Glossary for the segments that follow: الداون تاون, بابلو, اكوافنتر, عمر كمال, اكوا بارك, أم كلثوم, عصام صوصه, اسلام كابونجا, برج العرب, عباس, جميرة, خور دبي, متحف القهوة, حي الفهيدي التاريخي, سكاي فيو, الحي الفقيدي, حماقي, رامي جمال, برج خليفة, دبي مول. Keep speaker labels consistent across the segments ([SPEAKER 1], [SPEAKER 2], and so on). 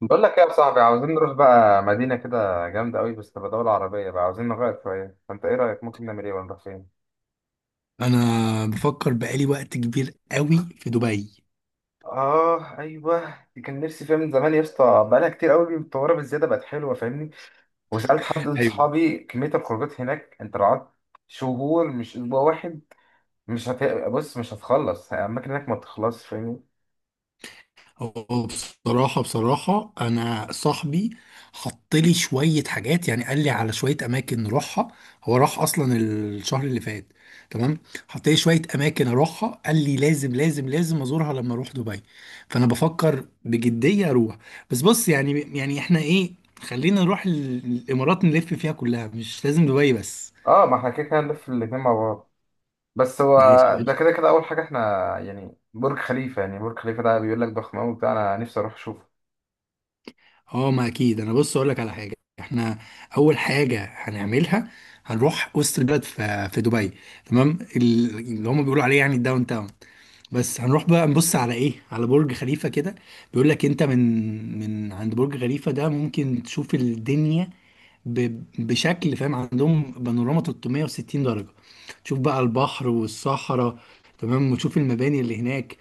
[SPEAKER 1] بقول لك ايه يا صاحبي؟ عاوزين نروح بقى مدينة كده جامدة قوي بس تبقى دولة عربية بقى، عاوزين نغير شوية. فانت ايه رأيك، ممكن نعمل ايه ونروح فين؟
[SPEAKER 2] انا بفكر بقالي وقت كبير قوي في دبي.
[SPEAKER 1] اه ايوه، دي كان نفسي فيها من زمان يا اسطى. بقالها كتير قوي متطورة بالزيادة، بقت حلوة فاهمني. وسألت حد من
[SPEAKER 2] ايوه.
[SPEAKER 1] صحابي كمية الخروجات هناك، انت لو قعدت شهور مش اسبوع واحد، مش هت... بص مش هتخلص الاماكن هناك، ما بتخلصش فاهمني.
[SPEAKER 2] هو بصراحة، أنا صاحبي حط لي شوية حاجات، يعني قال لي على شوية أماكن نروحها. هو راح أصلا الشهر اللي فات. تمام. حط لي شوية أماكن أروحها، قال لي لازم لازم لازم أزورها لما أروح دبي. فأنا بفكر بجدية أروح. بس بص، يعني إحنا إيه، خلينا نروح الإمارات نلف فيها كلها، مش لازم دبي بس.
[SPEAKER 1] اه ما احنا كده كده هنلف الاتنين مع بعض. بس هو
[SPEAKER 2] ماشي.
[SPEAKER 1] ده كده كده اول حاجة احنا، يعني برج خليفة ده بيقول لك ضخم قوي بتاع، انا نفسي اروح اشوفه.
[SPEAKER 2] اه، ما اكيد، انا بص اقول لك على حاجه. احنا اول حاجه هنعملها، هنروح وسط البلد في دبي. تمام، اللي هم بيقولوا عليه يعني الداون تاون. بس هنروح بقى نبص على ايه، على برج خليفه كده. بيقول لك، انت من عند برج خليفه ده ممكن تشوف الدنيا بشكل، فاهم؟ عندهم بانوراما 360 درجه. تشوف بقى البحر والصحراء. تمام، وتشوف المباني اللي هناك.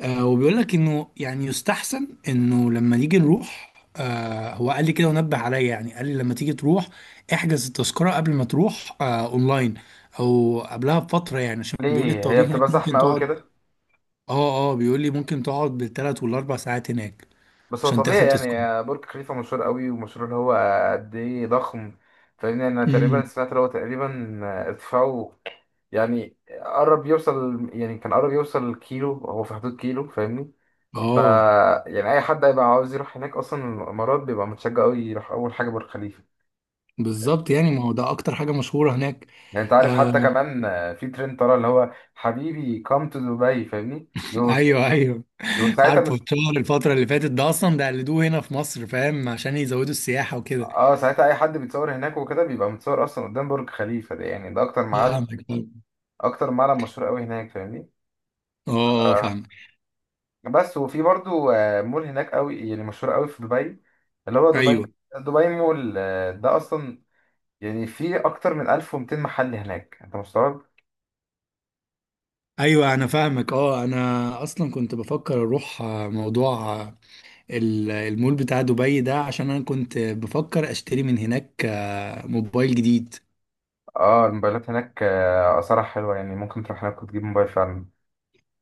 [SPEAKER 2] وبيقول لك انه، يعني يستحسن انه لما نيجي نروح، هو قال لي كده ونبه عليا، يعني قال لي لما تيجي تروح احجز التذكرة قبل ما تروح اونلاين، او قبلها بفترة، يعني عشان بيقول لي
[SPEAKER 1] ليه هي
[SPEAKER 2] الطوابير هناك
[SPEAKER 1] بتبقى زحمة
[SPEAKER 2] ممكن
[SPEAKER 1] قوي
[SPEAKER 2] تقعد.
[SPEAKER 1] كده؟
[SPEAKER 2] اه، اه، بيقول لي ممكن تقعد بالثلاث والاربع ساعات هناك
[SPEAKER 1] بس هو
[SPEAKER 2] عشان
[SPEAKER 1] طبيعي
[SPEAKER 2] تاخد تذكرة.
[SPEAKER 1] يعني، برج خليفة مشهور قوي، ومشهور اللي هو قد ايه ضخم. فاهمني، انا تقريبا
[SPEAKER 2] امم.
[SPEAKER 1] سمعت اللي هو تقريبا ارتفاعه، يعني قرب يوصل يعني كان قرب يوصل كيلو، هو في حدود كيلو فاهمني. ف
[SPEAKER 2] اه.
[SPEAKER 1] يعني اي حد هيبقى عاوز يروح هناك، اصلا الامارات بيبقى متشجع قوي يروح اول حاجة برج خليفة.
[SPEAKER 2] بالظبط، يعني ما هو ده اكتر حاجة مشهورة هناك.
[SPEAKER 1] يعني انت عارف، حتى
[SPEAKER 2] آه.
[SPEAKER 1] كمان في ترند طالع اللي هو حبيبي come to دبي فاهمني، بيبقوا
[SPEAKER 2] ايوه، ايوه. عارفه
[SPEAKER 1] ساعتها.
[SPEAKER 2] الشهر، الفترة اللي فاتت ده، اصلا ده قلدوه هنا في مصر فاهم، عشان يزودوا السياحة وكده.
[SPEAKER 1] اه ساعتها اي حد بيتصور هناك وكده، بيبقى متصور اصلا قدام برج خليفه ده. يعني ده اكتر معلم،
[SPEAKER 2] فاهمك فاهمك.
[SPEAKER 1] اكتر معلم مشهور قوي هناك فاهمني.
[SPEAKER 2] اه. آه،
[SPEAKER 1] آه
[SPEAKER 2] فاهمك.
[SPEAKER 1] بس وفي برضو آه، مول هناك قوي يعني مشهور قوي في دبي، اللي هو دبي
[SPEAKER 2] ايوه،
[SPEAKER 1] دبي مول. آه ده اصلا يعني فيه اكتر من 1200 محل هناك، انت مستوعب؟
[SPEAKER 2] ايوه، انا فاهمك. اه، انا اصلا كنت بفكر اروح، موضوع، المول بتاع دبي ده، عشان انا كنت بفكر اشتري من هناك موبايل جديد.
[SPEAKER 1] اه الموبايلات هناك آه، اسعارها حلوه يعني، ممكن تروح هناك وتجيب موبايل فعلا.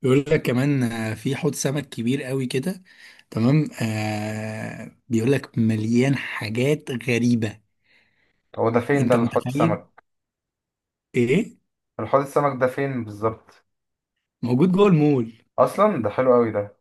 [SPEAKER 2] بيقول لك كمان، في حوض سمك كبير قوي كده. تمام، بيقول لك مليان حاجات غريبة.
[SPEAKER 1] هو ده فين ده
[SPEAKER 2] انت
[SPEAKER 1] الحوض
[SPEAKER 2] متخيل؟
[SPEAKER 1] السمك؟
[SPEAKER 2] ايه.
[SPEAKER 1] الحوض السمك ده فين بالظبط؟
[SPEAKER 2] موجود جوه المول.
[SPEAKER 1] اصلا ده حلو قوي ده.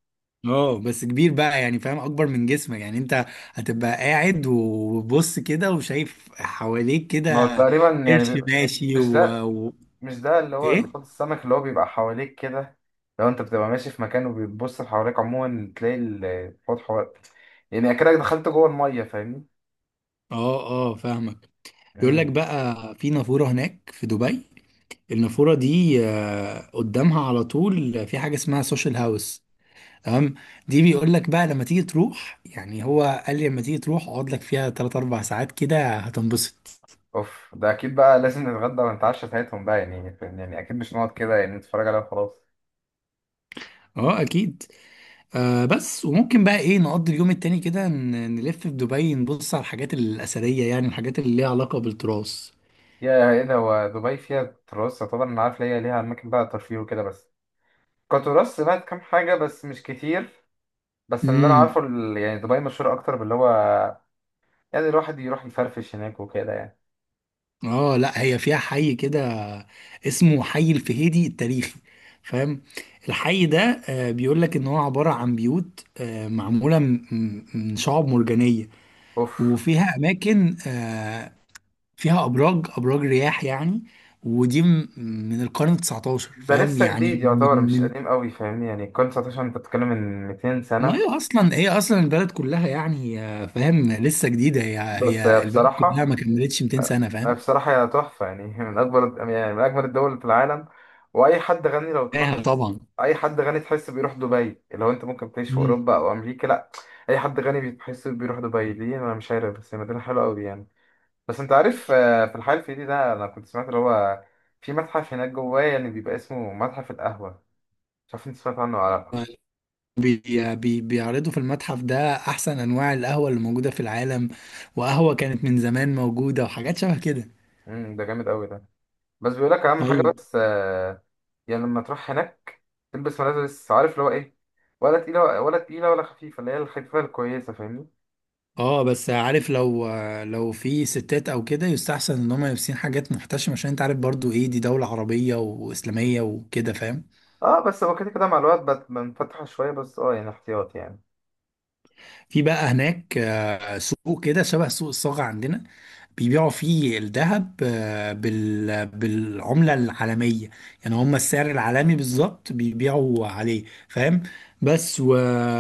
[SPEAKER 2] اه، بس كبير بقى، يعني فاهم، اكبر من جسمك يعني انت. هتبقى قاعد وبص كده وشايف حواليك
[SPEAKER 1] ما
[SPEAKER 2] كده.
[SPEAKER 1] هو تقريبا يعني
[SPEAKER 2] قرش
[SPEAKER 1] بيبقى-
[SPEAKER 2] ماشي.
[SPEAKER 1] مش ده، مش ده اللي هو الحوض
[SPEAKER 2] ايه
[SPEAKER 1] السمك اللي هو بيبقى حواليك كده، لو انت بتبقى ماشي في مكان وبتبص حواليك عموما تلاقي الحوض حواليك، يعني اكنك دخلت جوه الميه فاهمني.
[SPEAKER 2] اه، اه، فاهمك. بيقول لك
[SPEAKER 1] امم
[SPEAKER 2] بقى، في نافورة هناك في دبي. النافورة دي، قدامها على طول في حاجة اسمها سوشيال هاوس. تمام. دي بيقول لك بقى لما تيجي تروح، يعني هو قال لي لما تيجي تروح اقعد لك فيها 3 4 ساعات كده هتنبسط.
[SPEAKER 1] اوف، ده اكيد بقى لازم نتغدى ونتعشى ساعتهم بقى يعني، فاهم؟ يعني اكيد مش نقعد كده يعني نتفرج عليها وخلاص.
[SPEAKER 2] اه، اكيد. بس، وممكن بقى ايه نقضي اليوم التاني كده، نلف في دبي، نبص على الحاجات الأثرية، يعني الحاجات اللي ليها علاقة بالتراث.
[SPEAKER 1] يا ايه ده، هو دبي فيها تراث؟ طبعا انا عارف ليها، ليها اماكن بقى ترفيه وكده بس. كتراث سمعت كام حاجه بس مش كتير. بس اللي انا
[SPEAKER 2] امم.
[SPEAKER 1] عارفه يعني دبي مشهوره اكتر باللي هو يعني الواحد يروح يفرفش هناك وكده يعني.
[SPEAKER 2] اه، لا، هي فيها حي كده اسمه حي الفهيدي التاريخي. فاهم. الحي ده، بيقول لك ان هو عبارة عن بيوت، معمولة من شعاب مرجانية.
[SPEAKER 1] اوف،
[SPEAKER 2] وفيها اماكن، فيها ابراج، ابراج رياح يعني. ودي من القرن 19،
[SPEAKER 1] ده
[SPEAKER 2] فاهم،
[SPEAKER 1] لسه
[SPEAKER 2] يعني
[SPEAKER 1] جديد يعتبر، مش قديم قوي فاهمني. يعني الكون 19، انت بتتكلم من 200
[SPEAKER 2] ما
[SPEAKER 1] سنة.
[SPEAKER 2] هي اصلا، هي اصلا البلد كلها يعني، فاهم لسه جديده، هي
[SPEAKER 1] بس هي
[SPEAKER 2] هي البلد كلها ما
[SPEAKER 1] بصراحة
[SPEAKER 2] كملتش 200 سنه
[SPEAKER 1] هي
[SPEAKER 2] فاهم.
[SPEAKER 1] بصراحة هي تحفة يعني. من أكبر، يعني من أجمل الدول في العالم. وأي حد غني لو
[SPEAKER 2] ايه،
[SPEAKER 1] تلاحظ،
[SPEAKER 2] طبعا.
[SPEAKER 1] أي حد غني تحس بيروح دبي. لو أنت ممكن تعيش في
[SPEAKER 2] مم.
[SPEAKER 1] أوروبا أو أمريكا، لأ، أي حد غني بتحس بيروح دبي. ليه؟ أنا مش عارف، بس هي مدينة حلوة أوي يعني. بس أنت عارف آه، في الحي الفقيدي ده أنا كنت سمعت اللي هو في متحف هناك جواه، يعني بيبقى اسمه متحف القهوة. مش عارف أنت سمعت عنه ولا لأ؟
[SPEAKER 2] بي بي بيعرضوا في المتحف ده احسن انواع القهوه اللي موجوده في العالم، وقهوه كانت من زمان موجوده وحاجات شبه كده.
[SPEAKER 1] مم، ده جامد أوي ده. بس بيقول لك اهم حاجه
[SPEAKER 2] ايوه.
[SPEAKER 1] بس آه، يعني لما تروح هناك تلبس ملابس، عارف اللي هو ايه، ولا تقيله ولا خفيفه، اللي هي الخفيفه الكويسه فاهمني.
[SPEAKER 2] اه، بس عارف، لو في ستات او كده يستحسن ان هم يلبسين حاجات محتشمه، عشان انت عارف برضو، ايه، دي دوله عربيه واسلاميه وكده فاهم.
[SPEAKER 1] اه بس هو كده كده مع الوقت بنفتح شويه، بس اه يعني احتياط يعني.
[SPEAKER 2] في بقى هناك، سوق كده شبه سوق الصاغة عندنا. بيبيعوا فيه الذهب، بالعملة العالمية. يعني هم السعر العالمي بالظبط بيبيعوا عليه، فاهم. بس.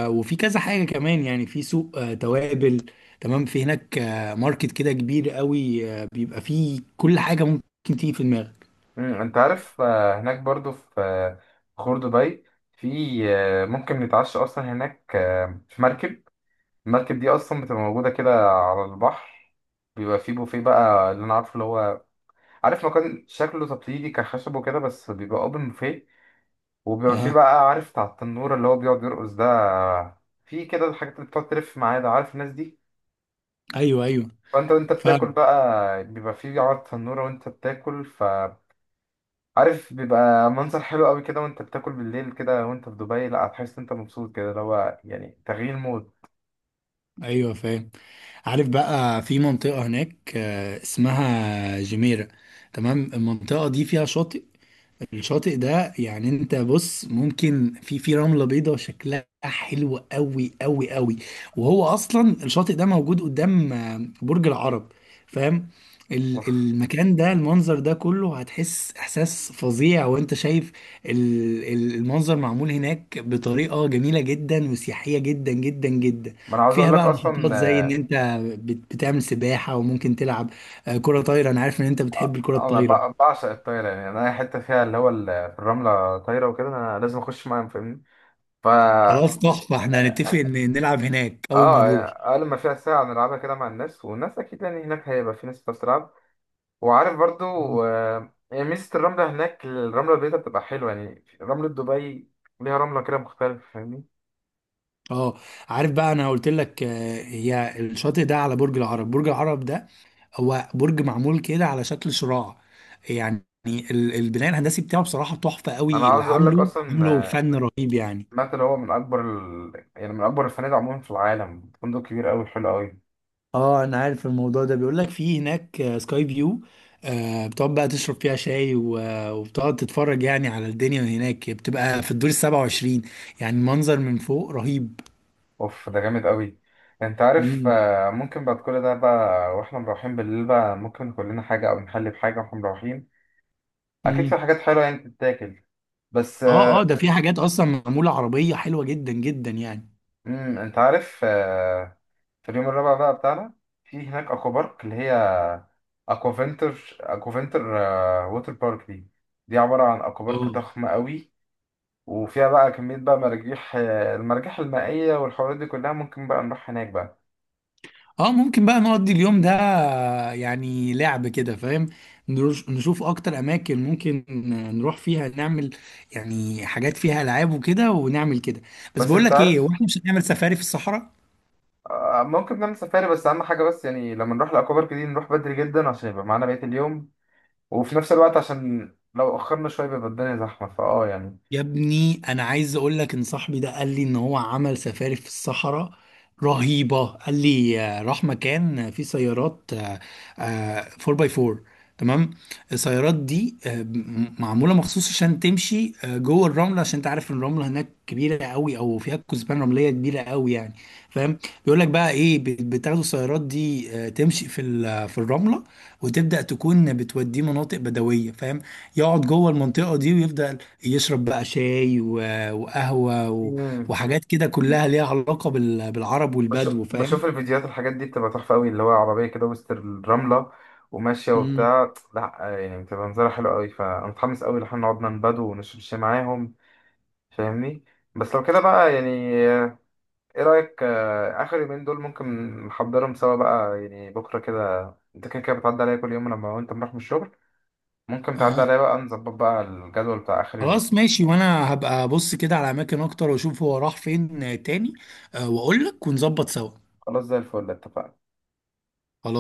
[SPEAKER 2] وفي كذا حاجة كمان، يعني في سوق توابل. تمام، في هناك ماركت كده كبير قوي، بيبقى فيه كل حاجة ممكن تيجي في دماغك.
[SPEAKER 1] انت عارف آه، هناك برضو في آه، خور دبي، في آه، ممكن نتعشى اصلا هناك آه، في مركب. المركب دي اصلا بتبقى موجوده كده على البحر، بيبقى فيه بوفيه بقى اللي انا عارفه، اللي هو عارف مكان شكله تقليدي كخشب وكده، بس بيبقى اوبن بوفيه. وبيبقى في
[SPEAKER 2] اها.
[SPEAKER 1] بقى عارف بتاع التنورة اللي هو بيقعد يرقص ده، في كده الحاجات اللي بتقعد تلف معايا ده، عارف الناس دي.
[SPEAKER 2] ايوه، ايوه،
[SPEAKER 1] فانت وانت بتاكل
[SPEAKER 2] فاهم.
[SPEAKER 1] بقى بيبقى في عرض تنورة وانت بتاكل، فعارف بيبقى منظر حلو قوي كده وانت بتاكل بالليل كده وانت في دبي، لا هتحس إن انت مبسوط كده، اللي هو يعني تغيير مود.
[SPEAKER 2] ايوه، فاهم. عارف بقى، في منطقة هناك اسمها جميرة. تمام، المنطقة دي فيها شاطئ. الشاطئ ده يعني انت بص ممكن، في رملة بيضاء شكلها حلو قوي قوي قوي. وهو اصلا الشاطئ ده موجود قدام برج العرب، فاهم.
[SPEAKER 1] اوف،
[SPEAKER 2] المكان ده، المنظر ده كله هتحس احساس فظيع وانت شايف المنظر معمول هناك بطريقة جميلة جدا وسياحية جدا جدا جدا.
[SPEAKER 1] ما انا عاوز
[SPEAKER 2] وفيها
[SPEAKER 1] اقول لك
[SPEAKER 2] بقى نشاطات،
[SPEAKER 1] اصلا
[SPEAKER 2] زي ان انت بتعمل سباحة وممكن تلعب كرة طايرة، انا عارف ان انت بتحب
[SPEAKER 1] آه،
[SPEAKER 2] الكرة
[SPEAKER 1] انا
[SPEAKER 2] الطايرة.
[SPEAKER 1] بعشق الطايره يعني. انا اي حته فيها اللي هو الرمله طايره وكده، انا لازم اخش معاهم فاهمني.
[SPEAKER 2] خلاص، تحفة، احنا هنتفق ان نلعب هناك اول ما
[SPEAKER 1] اه
[SPEAKER 2] نروح.
[SPEAKER 1] اقل ما فيها ساعه نلعبها كده مع الناس، والناس اكيد يعني هناك هيبقى في ناس بتلعب. وعارف برضو آه، يعني ميزه الرمله هناك الرمله البيضاء بتبقى حلوه، يعني رمله دبي ليها رمله كده مختلفه فاهمني.
[SPEAKER 2] اه. عارف بقى، انا قلت لك هي الشاطئ ده على برج العرب. برج العرب ده هو برج معمول كده على شكل شراع. يعني البناء الهندسي بتاعه، بصراحة تحفة
[SPEAKER 1] انا
[SPEAKER 2] قوي، اللي
[SPEAKER 1] عاوز اقول لك
[SPEAKER 2] عامله
[SPEAKER 1] اصلا
[SPEAKER 2] عامله
[SPEAKER 1] آه،
[SPEAKER 2] فن رهيب يعني.
[SPEAKER 1] سمعت اللي هو من اكبر يعني من اكبر الفنادق عموما في العالم، فندق كبير قوي حلو قوي.
[SPEAKER 2] اه، انا عارف الموضوع ده، بيقول لك في هناك سكاي فيو. بتقعد بقى تشرب فيها شاي، وبتقعد تتفرج يعني على الدنيا هناك، بتبقى في الدور 27، يعني المنظر من فوق رهيب.
[SPEAKER 1] اوف، ده جامد قوي. انت عارف
[SPEAKER 2] مم.
[SPEAKER 1] آه، ممكن بعد كل ده بقى واحنا مروحين بالليل بقى، ممكن ناكل لنا حاجه او نحلي بحاجه واحنا مروحين. اكيد
[SPEAKER 2] مم.
[SPEAKER 1] في حاجات حلوه يعني تتاكل. بس
[SPEAKER 2] اه، اه، ده في حاجات اصلا معموله عربيه حلوه جدا جدا يعني.
[SPEAKER 1] انت عارف آه، في اليوم الرابع بقى بتاعنا، في هناك اكوا بارك اللي هي اكوافنتر، آه، ووتر بارك دي، دي عبارة عن اكوا بارك
[SPEAKER 2] اه،
[SPEAKER 1] ضخمة قوي. وفيها بقى كمية بقى مراجيح آه، المراجيح المائية والحوارات دي كلها، ممكن بقى نروح هناك بقى.
[SPEAKER 2] اه، ممكن بقى نقضي اليوم ده، يعني لعب كده فاهم، نشوف اكتر اماكن ممكن نروح فيها، نعمل يعني حاجات فيها العاب وكده ونعمل كده. بس
[SPEAKER 1] بس
[SPEAKER 2] بقول
[SPEAKER 1] انت
[SPEAKER 2] لك ايه، هو
[SPEAKER 1] عارف
[SPEAKER 2] احنا مش هنعمل سفاري في الصحراء؟
[SPEAKER 1] آه، ممكن نعمل سفاري، بس اهم حاجة بس يعني لما نروح الاكوا بارك دي نروح بدري جدا عشان يبقى معانا بقية اليوم، وفي نفس الوقت عشان لو اخرنا شوية بيبقى الدنيا زحمة فاه يعني.
[SPEAKER 2] يا ابني، انا عايز اقول لك ان صاحبي ده قال لي ان هو عمل سفاري في الصحراء رهيبة. قال لي راح مكان فيه سيارات 4 باي 4. تمام. السيارات دي معمولة مخصوص عشان تمشي جوه الرملة، عشان انت عارف إن الرملة هناك كبيرة قوي، او فيها كثبان رملية كبيرة قوي يعني، فاهم. بيقول لك بقى ايه، بتاخدوا السيارات دي تمشي في في الرملة، وتبدأ تكون بتوديه مناطق بدوية، فاهم. يقعد جوه المنطقة دي ويبدأ يشرب بقى شاي وقهوة وحاجات كده
[SPEAKER 1] مم.
[SPEAKER 2] كلها ليها علاقة بالعرب والبدو،
[SPEAKER 1] بشوف
[SPEAKER 2] فاهم.
[SPEAKER 1] الفيديوهات، الحاجات دي بتبقى تحفة قوي اللي هو عربية كده وسط الرملة وماشية
[SPEAKER 2] امم.
[SPEAKER 1] وبتاع، لا يعني بتبقى منظرها حلو قوي. فأنا متحمس قوي إن احنا نقعد ننبدو ونشرب شاي معاهم فاهمني. بس لو كده بقى يعني، ايه رأيك آه، آخر يومين دول ممكن نحضرهم سوا بقى يعني بكرة كده. انت كده كده بتعدي عليا كل يوم لما وانت بنروح من الشغل، ممكن تعدي
[SPEAKER 2] اه.
[SPEAKER 1] عليا بقى نظبط بقى الجدول بتاع آخر
[SPEAKER 2] خلاص
[SPEAKER 1] يومين.
[SPEAKER 2] ماشي، وانا هبقى ابص كده على اماكن اكتر، واشوف هو راح فين تاني، واقول لك ونظبط سوا.
[SPEAKER 1] خلاص زي الفل، اتفقنا.
[SPEAKER 2] خلاص.